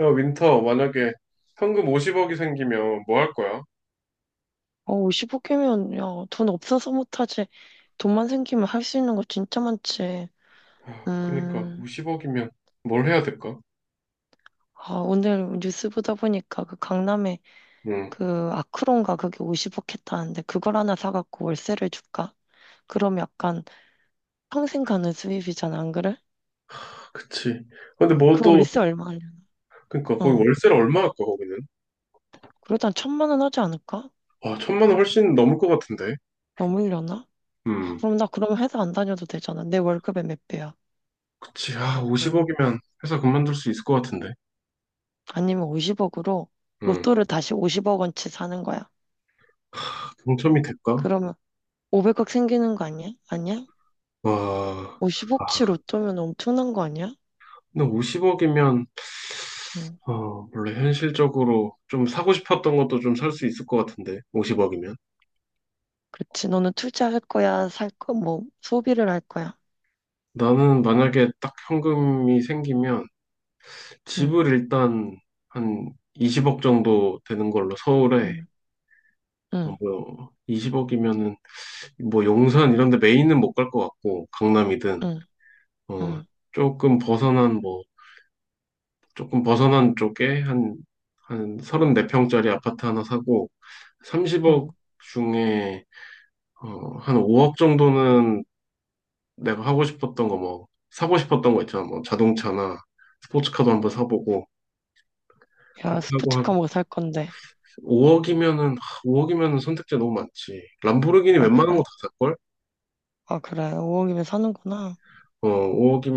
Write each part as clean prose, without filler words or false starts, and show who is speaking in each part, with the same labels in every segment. Speaker 1: 야, 윈터, 만약에 현금 50억이 생기면 뭐 할 거야?
Speaker 2: 어, 0억개면 야, 돈 없어서 못하지. 돈만 생기면 할 수 있는 거 진짜 많지.
Speaker 1: 아, 그니까,
Speaker 2: 음,
Speaker 1: 50억이면 뭘 해야 될까?
Speaker 2: 아, 오늘 뉴스 보다 보니까 그 강남에
Speaker 1: 응,
Speaker 2: 그 아크론가 그게 50억 했다는데 그걸 하나 사갖고 월세를 줄까? 그럼 약간 평생 가는 수입이잖아, 안 그래?
Speaker 1: 아, 그치. 근데
Speaker 2: 어,
Speaker 1: 뭐
Speaker 2: 그
Speaker 1: 또,
Speaker 2: 월세 얼마냐?
Speaker 1: 그니까, 거기
Speaker 2: 어,
Speaker 1: 월세를 얼마 할까, 거기는?
Speaker 2: 그러다 한 1,000만 원 하지 않을까?
Speaker 1: 아, 천만 원 훨씬 넘을 것 같은데.
Speaker 2: 넘으려나? 아,
Speaker 1: 음,
Speaker 2: 그럼 나 그럼 회사 안 다녀도 되잖아. 내 월급의 몇 배야?
Speaker 1: 그치. 아,
Speaker 2: 음,
Speaker 1: 50억이면 회사 그만둘 수 있을 것 같은데.
Speaker 2: 아니면 50억으로
Speaker 1: 응,
Speaker 2: 로또를 다시 50억 원치 사는 거야.
Speaker 1: 아, 당첨이
Speaker 2: 어,
Speaker 1: 될까?
Speaker 2: 그러면 500억 생기는 거 아니야? 아니야?
Speaker 1: 와,
Speaker 2: 50억치
Speaker 1: 아,
Speaker 2: 로또면 엄청난 거 아니야?
Speaker 1: 근데 50억이면,
Speaker 2: 응,
Speaker 1: 원래 현실적으로 좀 사고 싶었던 것도 좀 살 수 있을 것 같은데, 50억이면.
Speaker 2: 그렇지. 너는 투자할 거야, 살 거, 뭐, 소비를 할 거야.
Speaker 1: 나는 만약에 딱 현금이 생기면
Speaker 2: 응,
Speaker 1: 집을 일단 한 20억 정도 되는 걸로 서울에
Speaker 2: 응, 응,
Speaker 1: 뭐 20억이면은 뭐 용산 이런 데 메인은 못 갈 것 같고 강남이든
Speaker 2: 응,
Speaker 1: 어
Speaker 2: 응,
Speaker 1: 조금 벗어난 뭐 조금 벗어난 쪽에 한 34평짜리 아파트 하나 사고 30억
Speaker 2: 응.
Speaker 1: 중에 한 5억 정도는 내가 하고 싶었던 거 뭐 사고 싶었던 거 있잖아 뭐 자동차나 스포츠카도 한번 사보고
Speaker 2: 야,
Speaker 1: 그렇게 하고
Speaker 2: 스포츠카
Speaker 1: 한
Speaker 2: 뭐 살 건데.
Speaker 1: 5억이면은 5억이면은 선택지 너무 많지. 람보르기니
Speaker 2: 아,
Speaker 1: 웬만한
Speaker 2: 그래?
Speaker 1: 거 다 살걸?
Speaker 2: 아, 그래. 5억이면 사는구나.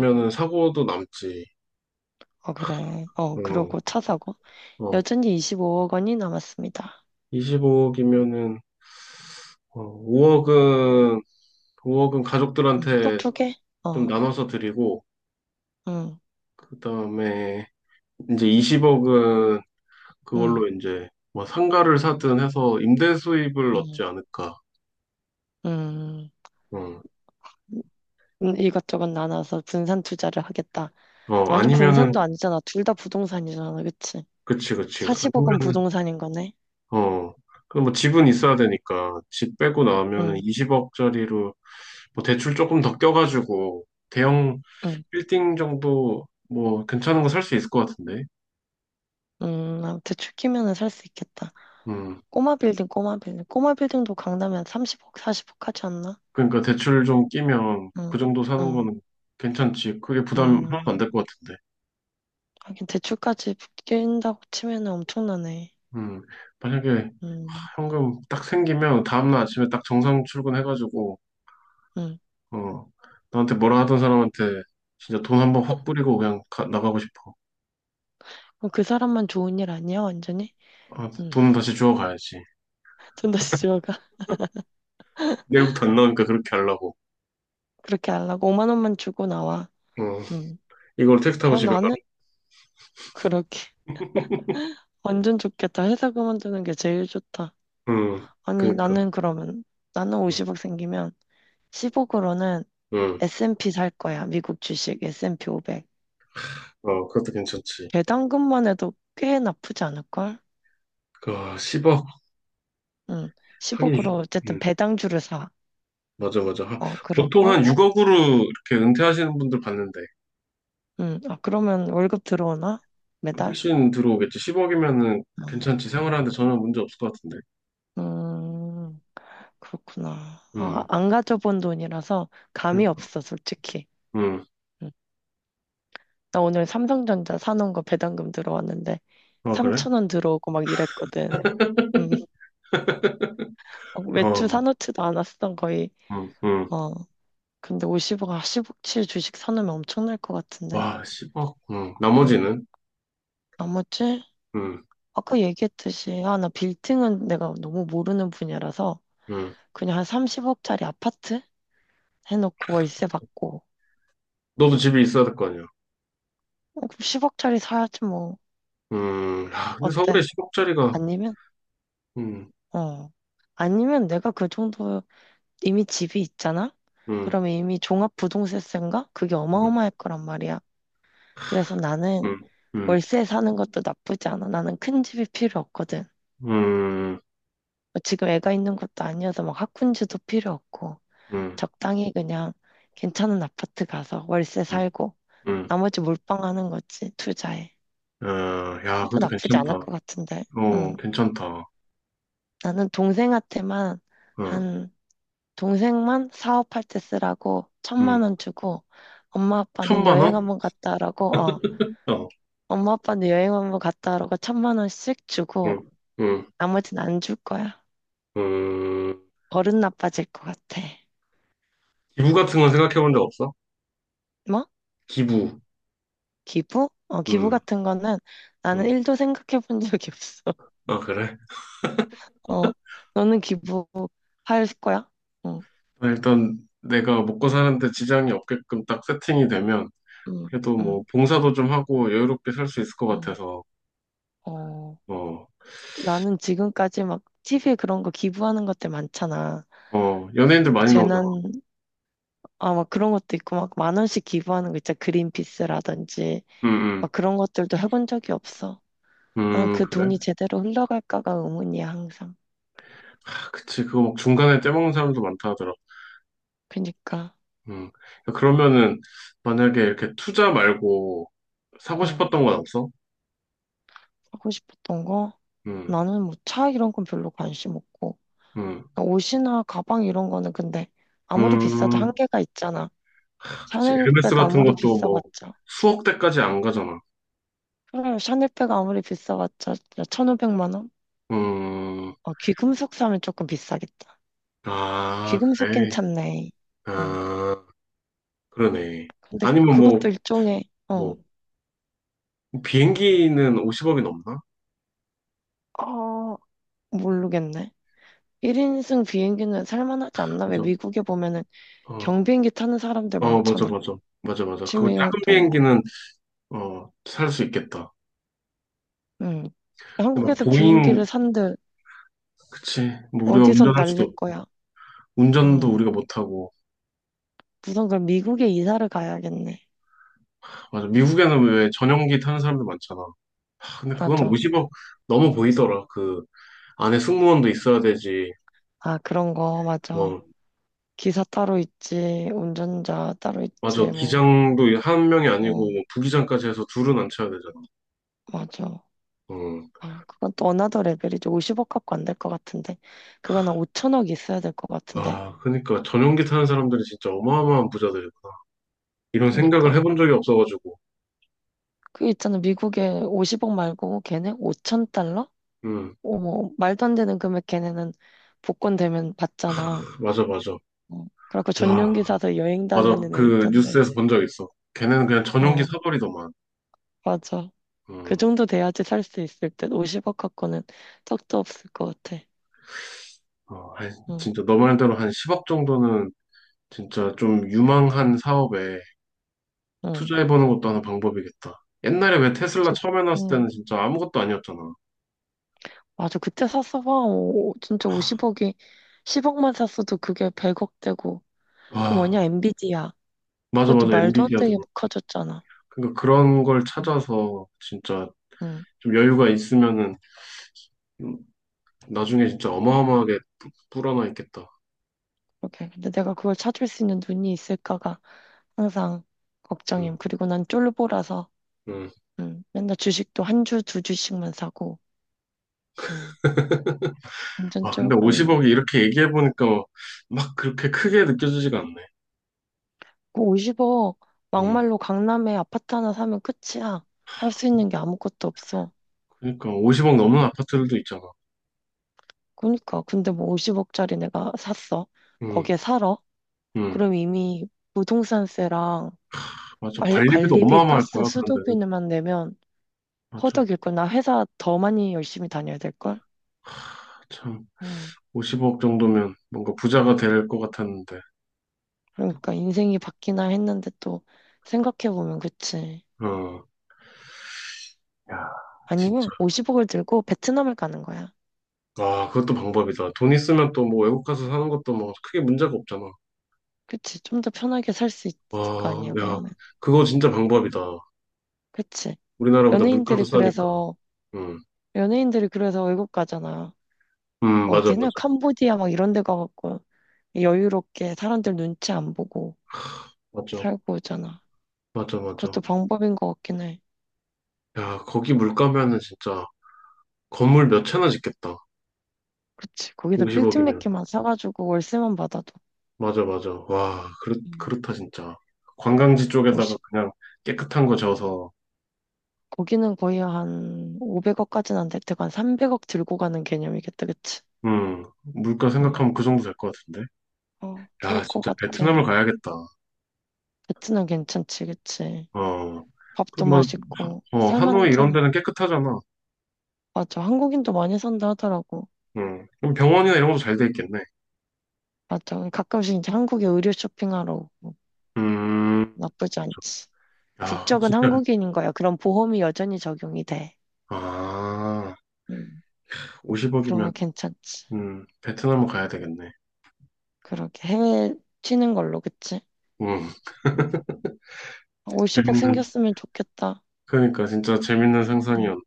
Speaker 2: 응.
Speaker 1: 사고도 남지.
Speaker 2: 아, 그래. 어,
Speaker 1: 어,
Speaker 2: 그러고 차 사고.
Speaker 1: 어,
Speaker 2: 여전히 25억 원이 남았습니다.
Speaker 1: 25억이면은 5억은 가족들한테
Speaker 2: 또두 개?
Speaker 1: 좀
Speaker 2: 어,
Speaker 1: 나눠서 드리고
Speaker 2: 응,
Speaker 1: 그다음에 이제 20억은
Speaker 2: 응,
Speaker 1: 그걸로 이제 뭐 상가를 사든 해서 임대 수입을
Speaker 2: 응,
Speaker 1: 얻지 않을까.
Speaker 2: 응.
Speaker 1: 어,
Speaker 2: 이것저것 나눠서 분산 투자를 하겠다. 완전
Speaker 1: 아니면은
Speaker 2: 분산도 아니잖아. 둘 다 부동산이잖아. 그치?
Speaker 1: 그치 그치.
Speaker 2: 40억은
Speaker 1: 아니면은
Speaker 2: 부동산인 거네.
Speaker 1: 어, 그럼 뭐 집은 있어야 되니까 집 빼고 나오면은
Speaker 2: 응,
Speaker 1: 20억짜리로 뭐 대출 조금 더 껴가지고 대형
Speaker 2: 응.
Speaker 1: 빌딩 정도 뭐 괜찮은 거 살 수 있을 것 같은데.
Speaker 2: 아, 대출 끼면은 살 수 있겠다.
Speaker 1: 음,
Speaker 2: 꼬마 빌딩, 꼬마 빌딩. 꼬마 빌딩도 강남에 한 30억, 40억 하지 않나?
Speaker 1: 그러니까 대출 좀 끼면 그
Speaker 2: 응,
Speaker 1: 정도 사는
Speaker 2: 응,
Speaker 1: 거는 괜찮지. 그게 부담 하나도 안
Speaker 2: 응.
Speaker 1: 될 것 같은데.
Speaker 2: 하긴 대출까지 낀다고 치면은 엄청나네.
Speaker 1: 음, 만약에
Speaker 2: 응,
Speaker 1: 현금 딱 생기면 다음날 아침에 딱 정상 출근해가지고
Speaker 2: 응.
Speaker 1: 어, 나한테 뭐라 하던 사람한테 진짜 돈 한번 확 뿌리고 그냥 나가고 싶어.
Speaker 2: 어, 그 사람만 좋은 일 아니야, 완전히?
Speaker 1: 아,
Speaker 2: 응.
Speaker 1: 돈은 다시 주워 가야지.
Speaker 2: 돈 다시 들어가.
Speaker 1: 내일부터 안 나오니까 그렇게 하려고.
Speaker 2: 그렇게 하려고. 5만 원만 주고 나와.
Speaker 1: 어,
Speaker 2: 응.
Speaker 1: 이걸 택시 타고
Speaker 2: 어,
Speaker 1: 집에 가라.
Speaker 2: 나는 그렇게. 완전 좋겠다. 회사 그만두는 게 제일 좋다.
Speaker 1: 응,
Speaker 2: 아니,
Speaker 1: 그니까.
Speaker 2: 나는 그러면, 나는
Speaker 1: 응,
Speaker 2: 50억 생기면 10억으로는
Speaker 1: 응.
Speaker 2: S&P 살 거야. 미국 주식 S&P 500.
Speaker 1: 그것도 괜찮지.
Speaker 2: 배당금만 해도 꽤 나쁘지 않을걸?
Speaker 1: 아, 10억.
Speaker 2: 응.
Speaker 1: 하긴,
Speaker 2: 10억으로 어쨌든
Speaker 1: 응,
Speaker 2: 배당주를 사.
Speaker 1: 맞아, 맞아.
Speaker 2: 어,
Speaker 1: 보통
Speaker 2: 그러고,
Speaker 1: 한 6억으로 이렇게 은퇴하시는 분들 봤는데,
Speaker 2: 응. 아, 그러면 월급 들어오나? 매달?
Speaker 1: 훨씬 들어오겠지. 10억이면은
Speaker 2: 음,
Speaker 1: 괜찮지.
Speaker 2: 음.
Speaker 1: 생활하는데 전혀 문제 없을 것 같은데.
Speaker 2: 음, 그렇구나. 아,
Speaker 1: 응,
Speaker 2: 안 가져본 돈이라서 감이
Speaker 1: 그니까.
Speaker 2: 없어, 솔직히.
Speaker 1: 응,
Speaker 2: 음. 나 오늘 삼성전자 사놓은 거 배당금 들어왔는데,
Speaker 1: 아, 그래?
Speaker 2: 3천 원 들어오고 막 이랬거든. 음. 어, 외투
Speaker 1: 어,
Speaker 2: 사놓지도 않았어, 거의.
Speaker 1: 응, 응.
Speaker 2: 어, 근데 50억, 10억치 주식 사놓으면 엄청날 것 같은데.
Speaker 1: 와, 10억. 응,
Speaker 2: 음.
Speaker 1: 나머지는?
Speaker 2: 나머지,
Speaker 1: 응,
Speaker 2: 아까 얘기했듯이, 아, 나 빌딩은 내가 너무 모르는 분야라서,
Speaker 1: 응.
Speaker 2: 그냥 한 30억짜리 아파트 해놓고 월세 받고,
Speaker 1: 너도
Speaker 2: 음.
Speaker 1: 집에 있어야 될 거 아니야.
Speaker 2: 어, 그럼 10억짜리 사야지 뭐,
Speaker 1: 야, 근데 서울에
Speaker 2: 어때?
Speaker 1: 10억짜리가,
Speaker 2: 아니면,
Speaker 1: 음,
Speaker 2: 어. 아니면 내가 그 정도 이미 집이 있잖아?
Speaker 1: 음,
Speaker 2: 그러면 이미 종합부동세세인가? 그게
Speaker 1: 음.
Speaker 2: 어마어마할 거란 말이야. 그래서 나는
Speaker 1: 음, 음,
Speaker 2: 월세 사는 것도 나쁘지 않아. 나는 큰 집이 필요 없거든.
Speaker 1: 음,
Speaker 2: 뭐 지금 애가 있는 것도 아니어서 막 학군지도 필요 없고
Speaker 1: 음,
Speaker 2: 적당히 그냥 괜찮은 아파트 가서 월세
Speaker 1: 음,
Speaker 2: 살고
Speaker 1: 음.
Speaker 2: 나머지 몰빵하는 거지 투자에.
Speaker 1: 어, 야,
Speaker 2: 또
Speaker 1: 그것도
Speaker 2: 나쁘지
Speaker 1: 괜찮다.
Speaker 2: 않을 것 같은데. 응.
Speaker 1: 괜찮다. 어,
Speaker 2: 나는 동생한테만 한 동생만 사업할 때 쓰라고 천만
Speaker 1: 음.
Speaker 2: 원 주고 엄마 아빠는
Speaker 1: 천만
Speaker 2: 여행
Speaker 1: 원?
Speaker 2: 한번 갔다 오라고 어
Speaker 1: 어,
Speaker 2: 엄마 아빠는 여행 한번 갔다 오라고 1,000만 원씩 주고
Speaker 1: 음, 음,
Speaker 2: 나머지는 안 줄 거야.
Speaker 1: 음.
Speaker 2: 버릇 나빠질 것 같아.
Speaker 1: 기부 같은 건 생각해 본 적 없어?
Speaker 2: 뭐?
Speaker 1: 기부.
Speaker 2: 기부? 어, 기부
Speaker 1: 음,
Speaker 2: 같은 거는 나는
Speaker 1: 음.
Speaker 2: 일도 생각해 본 적이 없어.
Speaker 1: 아, 그래?
Speaker 2: 어, 너는 기부할 거야? 응,
Speaker 1: 아, 일단 내가 먹고 사는데 지장이 없게끔 딱 세팅이 되면
Speaker 2: 응,
Speaker 1: 그래도 뭐
Speaker 2: 응,
Speaker 1: 봉사도 좀 하고 여유롭게 살 수 있을 것
Speaker 2: 응.
Speaker 1: 같아서.
Speaker 2: 어,
Speaker 1: 어,
Speaker 2: 나는 지금까지 막 TV에 그런 거 기부하는 것들 많잖아. 뭐
Speaker 1: 연예인들 많이 나오잖아.
Speaker 2: 재난, 아, 막 그런 것도 있고, 막 1만 원씩 기부하는 거 있잖아. 그린피스라든지.
Speaker 1: 음,
Speaker 2: 막 그런 것들도 해본 적이 없어. 나는 그
Speaker 1: 그래?
Speaker 2: 돈이 제대로 흘러갈까가 의문이야, 항상.
Speaker 1: 아, 그치. 그거 막 중간에 떼먹는 사람도 많다 하더라.
Speaker 2: 그니까,
Speaker 1: 음. 그러면은 만약에 이렇게 투자 말고 사고
Speaker 2: 러 응.
Speaker 1: 싶었던 건 없어?
Speaker 2: 하고 싶었던 거.
Speaker 1: 음,
Speaker 2: 나는 뭐 차 이런 건 별로 관심 없고
Speaker 1: 음,
Speaker 2: 그러니까 옷이나 가방 이런 거는 근데 아무리 비싸도
Speaker 1: 음,
Speaker 2: 한계가 있잖아.
Speaker 1: 그치. 에르메스
Speaker 2: 샤넬백
Speaker 1: 같은
Speaker 2: 아무리
Speaker 1: 것도 뭐
Speaker 2: 비싸봤자
Speaker 1: 수억 대까지 안 가잖아.
Speaker 2: 그래 샤넬백 아무리 비싸봤자 1,500만 원?
Speaker 1: 음,
Speaker 2: 어, 귀금속 사면 조금 비싸겠다.
Speaker 1: 아,
Speaker 2: 귀금속
Speaker 1: 그래.
Speaker 2: 괜찮네. 응.
Speaker 1: 아, 그러네.
Speaker 2: 근데
Speaker 1: 아니면
Speaker 2: 그것도 일종의 어,
Speaker 1: 뭐, 비행기는 50억이 넘나?
Speaker 2: 아 모르겠네. 1인승 비행기는 살만하지 않나? 왜
Speaker 1: 맞아.
Speaker 2: 미국에 보면은
Speaker 1: 어,
Speaker 2: 경비행기 타는 사람들
Speaker 1: 어, 맞아,
Speaker 2: 많잖아.
Speaker 1: 맞아. 맞아, 맞아. 그거
Speaker 2: 취미
Speaker 1: 작은
Speaker 2: 활동으로.
Speaker 1: 비행기는, 살 수 있겠다.
Speaker 2: 응.
Speaker 1: 근데 막
Speaker 2: 한국에서
Speaker 1: 보잉,
Speaker 2: 비행기를 산들
Speaker 1: 그치. 뭐 우리가
Speaker 2: 어디서
Speaker 1: 운전할
Speaker 2: 날릴
Speaker 1: 수도,
Speaker 2: 거야?
Speaker 1: 운전도
Speaker 2: 음.
Speaker 1: 우리가 못하고.
Speaker 2: 우선 그럼 미국에 이사를 가야겠네.
Speaker 1: 맞아. 미국에는 왜 전용기 타는 사람들 많잖아. 아, 근데 그건
Speaker 2: 맞아.
Speaker 1: 50억 넘어 보이더라. 그 안에 승무원도 있어야 되지.
Speaker 2: 아, 그런 거, 맞아.
Speaker 1: 어,
Speaker 2: 기사 따로 있지, 운전자 따로
Speaker 1: 맞아.
Speaker 2: 있지, 뭐.
Speaker 1: 기장도 한 명이
Speaker 2: 어,
Speaker 1: 아니고 뭐 부기장까지 해서 둘은 안 쳐야 되잖아.
Speaker 2: 맞아.
Speaker 1: 어.
Speaker 2: 아, 그건 또 어나더 레벨이지. 50억 갖고 안 될 것 같은데. 그건 한 5천억 있어야 될 것 같은데.
Speaker 1: 와, 그러니까 전용기 타는 사람들이 진짜 어마어마한 부자들이구나. 이런 생각을
Speaker 2: 그니까.
Speaker 1: 해본 적이 없어가지고.
Speaker 2: 그 있잖아. 미국에 50억 말고 걔네 5천 달러?
Speaker 1: 음,
Speaker 2: 어머, 말도 안 되는 금액 걔네는 복권 되면 받잖아.
Speaker 1: 맞아, 맞아.
Speaker 2: 어, 그래갖고
Speaker 1: 와,
Speaker 2: 전용기 사서 여행
Speaker 1: 맞아.
Speaker 2: 다니는 애
Speaker 1: 그
Speaker 2: 있던데.
Speaker 1: 뉴스에서 본 적 있어. 걔네는 그냥 전용기
Speaker 2: 어,
Speaker 1: 사버리더만.
Speaker 2: 맞아. 그
Speaker 1: 음,
Speaker 2: 정도 돼야지 살 수 있을 듯. 50억 갖고는 턱도 없을 것 같아.
Speaker 1: 아이,
Speaker 2: 응,
Speaker 1: 진짜 너 말대로 한 10억 정도는 진짜 좀 유망한 사업에
Speaker 2: 응.
Speaker 1: 투자해보는 것도 하나 방법이겠다. 옛날에 왜 테슬라
Speaker 2: 즉,
Speaker 1: 처음 해놨을
Speaker 2: 응.
Speaker 1: 때는 진짜 아무것도 아니었잖아.
Speaker 2: 맞아. 그때 샀어 봐. 오, 진짜 50억이 10억만 샀어도 그게 100억 되고. 그 뭐냐,
Speaker 1: 아,
Speaker 2: 엔비디아.
Speaker 1: 맞아,
Speaker 2: 그것도
Speaker 1: 맞아.
Speaker 2: 말도 안
Speaker 1: 엔비디아도
Speaker 2: 되게
Speaker 1: 그렇고.
Speaker 2: 커졌잖아.
Speaker 1: 그러니까 그런 걸
Speaker 2: 응,
Speaker 1: 찾아서 진짜
Speaker 2: 응.
Speaker 1: 좀 여유가 있으면은 음, 나중에 진짜 어마어마하게 불어나 있겠다.
Speaker 2: 그렇게. 근데 내가 그걸 찾을 수 있는 눈이 있을까가 항상
Speaker 1: 음,
Speaker 2: 걱정임. 그리고 난 쫄보라서,
Speaker 1: 음.
Speaker 2: 응. 맨날 주식도 한 주, 두 주씩만 사고, 응. 완전
Speaker 1: 아, 근데
Speaker 2: 쫄보임.
Speaker 1: 50억이 이렇게 얘기해보니까 막 그렇게 크게 느껴지지가 않네.
Speaker 2: 그 50억
Speaker 1: 음.
Speaker 2: 막말로 강남에 아파트 하나 사면 끝이야. 할 수 있는 게 아무것도 없어.
Speaker 1: 그러니까 50억 넘는 아파트들도 있잖아.
Speaker 2: 그러니까 근데 뭐 50억짜리 내가 샀어.
Speaker 1: 음,
Speaker 2: 거기에 살아.
Speaker 1: 음.
Speaker 2: 그럼 이미 부동산세랑
Speaker 1: 맞아. 관리비도
Speaker 2: 관리비,
Speaker 1: 어마어마할
Speaker 2: 가스,
Speaker 1: 거야, 그런데는.
Speaker 2: 수도비만 내면
Speaker 1: 맞아.
Speaker 2: 허덕일 걸. 나 회사 더 많이 열심히 다녀야 될 걸.
Speaker 1: 참.
Speaker 2: 음.
Speaker 1: 50억 정도면 뭔가 부자가 될 것 같았는데.
Speaker 2: 그러니까 인생이 바뀌나 했는데 또 생각해 보면 그치.
Speaker 1: 어, 야, 진짜.
Speaker 2: 아니면 50억을 들고 베트남을 가는 거야.
Speaker 1: 아, 그것도 방법이다. 돈 있으면 또 뭐 외국 가서 사는 것도 뭐 크게 문제가 없잖아.
Speaker 2: 그치. 좀 더 편하게 살 수 있을 거
Speaker 1: 와,
Speaker 2: 아니야,
Speaker 1: 야,
Speaker 2: 그러면.
Speaker 1: 그거 진짜 방법이다.
Speaker 2: 그치.
Speaker 1: 우리나라보다 물가도
Speaker 2: 연예인들이
Speaker 1: 싸니까.
Speaker 2: 그래서
Speaker 1: 음,
Speaker 2: 연예인들이 그래서 외국 가잖아. 뭐
Speaker 1: 맞아,
Speaker 2: 어디냐?
Speaker 1: 맞아.
Speaker 2: 캄보디아 막 이런 데 가갖고 여유롭게 사람들 눈치 안 보고
Speaker 1: 맞아,
Speaker 2: 살고 오잖아.
Speaker 1: 맞아, 맞아.
Speaker 2: 그것도 방법인 것 같긴 해.
Speaker 1: 야, 거기 물가면은 진짜 건물 몇 채나 짓겠다.
Speaker 2: 그치. 거기서 빌딩 몇
Speaker 1: 50억이면.
Speaker 2: 개만 사가지고 월세만 받아도
Speaker 1: 맞아, 맞아. 와,
Speaker 2: 음,
Speaker 1: 그렇다, 진짜. 관광지 쪽에다가
Speaker 2: 50,
Speaker 1: 그냥 깨끗한 거 지어서,
Speaker 2: 거기는 거의 한 500억까지는 안 될 테고 한 300억 들고 가는 개념이겠다. 그치?
Speaker 1: 물가
Speaker 2: 음,
Speaker 1: 생각하면 그 정도 될 것 같은데.
Speaker 2: 어, 좋을
Speaker 1: 야,
Speaker 2: 것
Speaker 1: 진짜
Speaker 2: 같아.
Speaker 1: 베트남을 가야겠다.
Speaker 2: 베트남 괜찮지, 그치?
Speaker 1: 어.
Speaker 2: 밥도
Speaker 1: 그럼 뭐,
Speaker 2: 맛있고
Speaker 1: 하노이 이런
Speaker 2: 살만하잖아.
Speaker 1: 데는 깨끗하잖아.
Speaker 2: 맞아. 한국인도 많이 산다 하더라고.
Speaker 1: 음. 그럼 병원이나 이런 것도 잘 돼 있겠네.
Speaker 2: 맞아. 가끔씩 이제 한국에 의류 쇼핑하러 오고
Speaker 1: 음.
Speaker 2: 나쁘지
Speaker 1: 그렇죠.
Speaker 2: 않지.
Speaker 1: 야,
Speaker 2: 국적은
Speaker 1: 진짜.
Speaker 2: 한국인인 거야. 그럼 보험이 여전히 적용이 돼.
Speaker 1: 아,
Speaker 2: 음,
Speaker 1: 50억이면,
Speaker 2: 그러면 괜찮지.
Speaker 1: 베트남을 가야 되겠네.
Speaker 2: 그렇게 해외 튀는 걸로, 그치?
Speaker 1: 음,
Speaker 2: 음. 50억
Speaker 1: 재밌는,
Speaker 2: 생겼으면 좋겠다.
Speaker 1: 그러니까 진짜 재밌는
Speaker 2: 음.
Speaker 1: 상상이었네.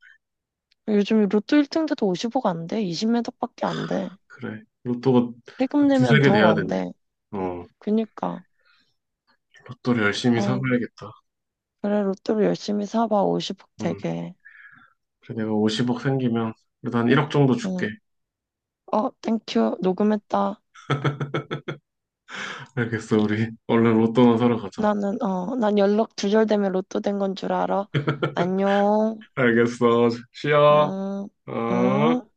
Speaker 2: 요즘 로또 1등돼도 50억 안 돼. 20매덕밖에 안 돼.
Speaker 1: 그래. 로또가
Speaker 2: 세금
Speaker 1: 두세
Speaker 2: 내면
Speaker 1: 개
Speaker 2: 더
Speaker 1: 돼야
Speaker 2: 안
Speaker 1: 되네.
Speaker 2: 돼.
Speaker 1: 어,
Speaker 2: 그니까.
Speaker 1: 로또를 열심히
Speaker 2: 어,
Speaker 1: 사봐야겠다.
Speaker 2: 그래, 로또를 열심히 사봐. 50억
Speaker 1: 음,
Speaker 2: 되게.
Speaker 1: 그래, 내가 50억 생기면, 그래도 한 1억 정도 줄게.
Speaker 2: 응. 어, 땡큐. 녹음했다.
Speaker 1: 알겠어, 우리. 얼른 로또나 사러 가자.
Speaker 2: 나는, 어, 난 연락 두절되면 로또 된 건 줄 알아. 안녕.
Speaker 1: 알겠어. 쉬어.
Speaker 2: 음, 음.
Speaker 1: 어.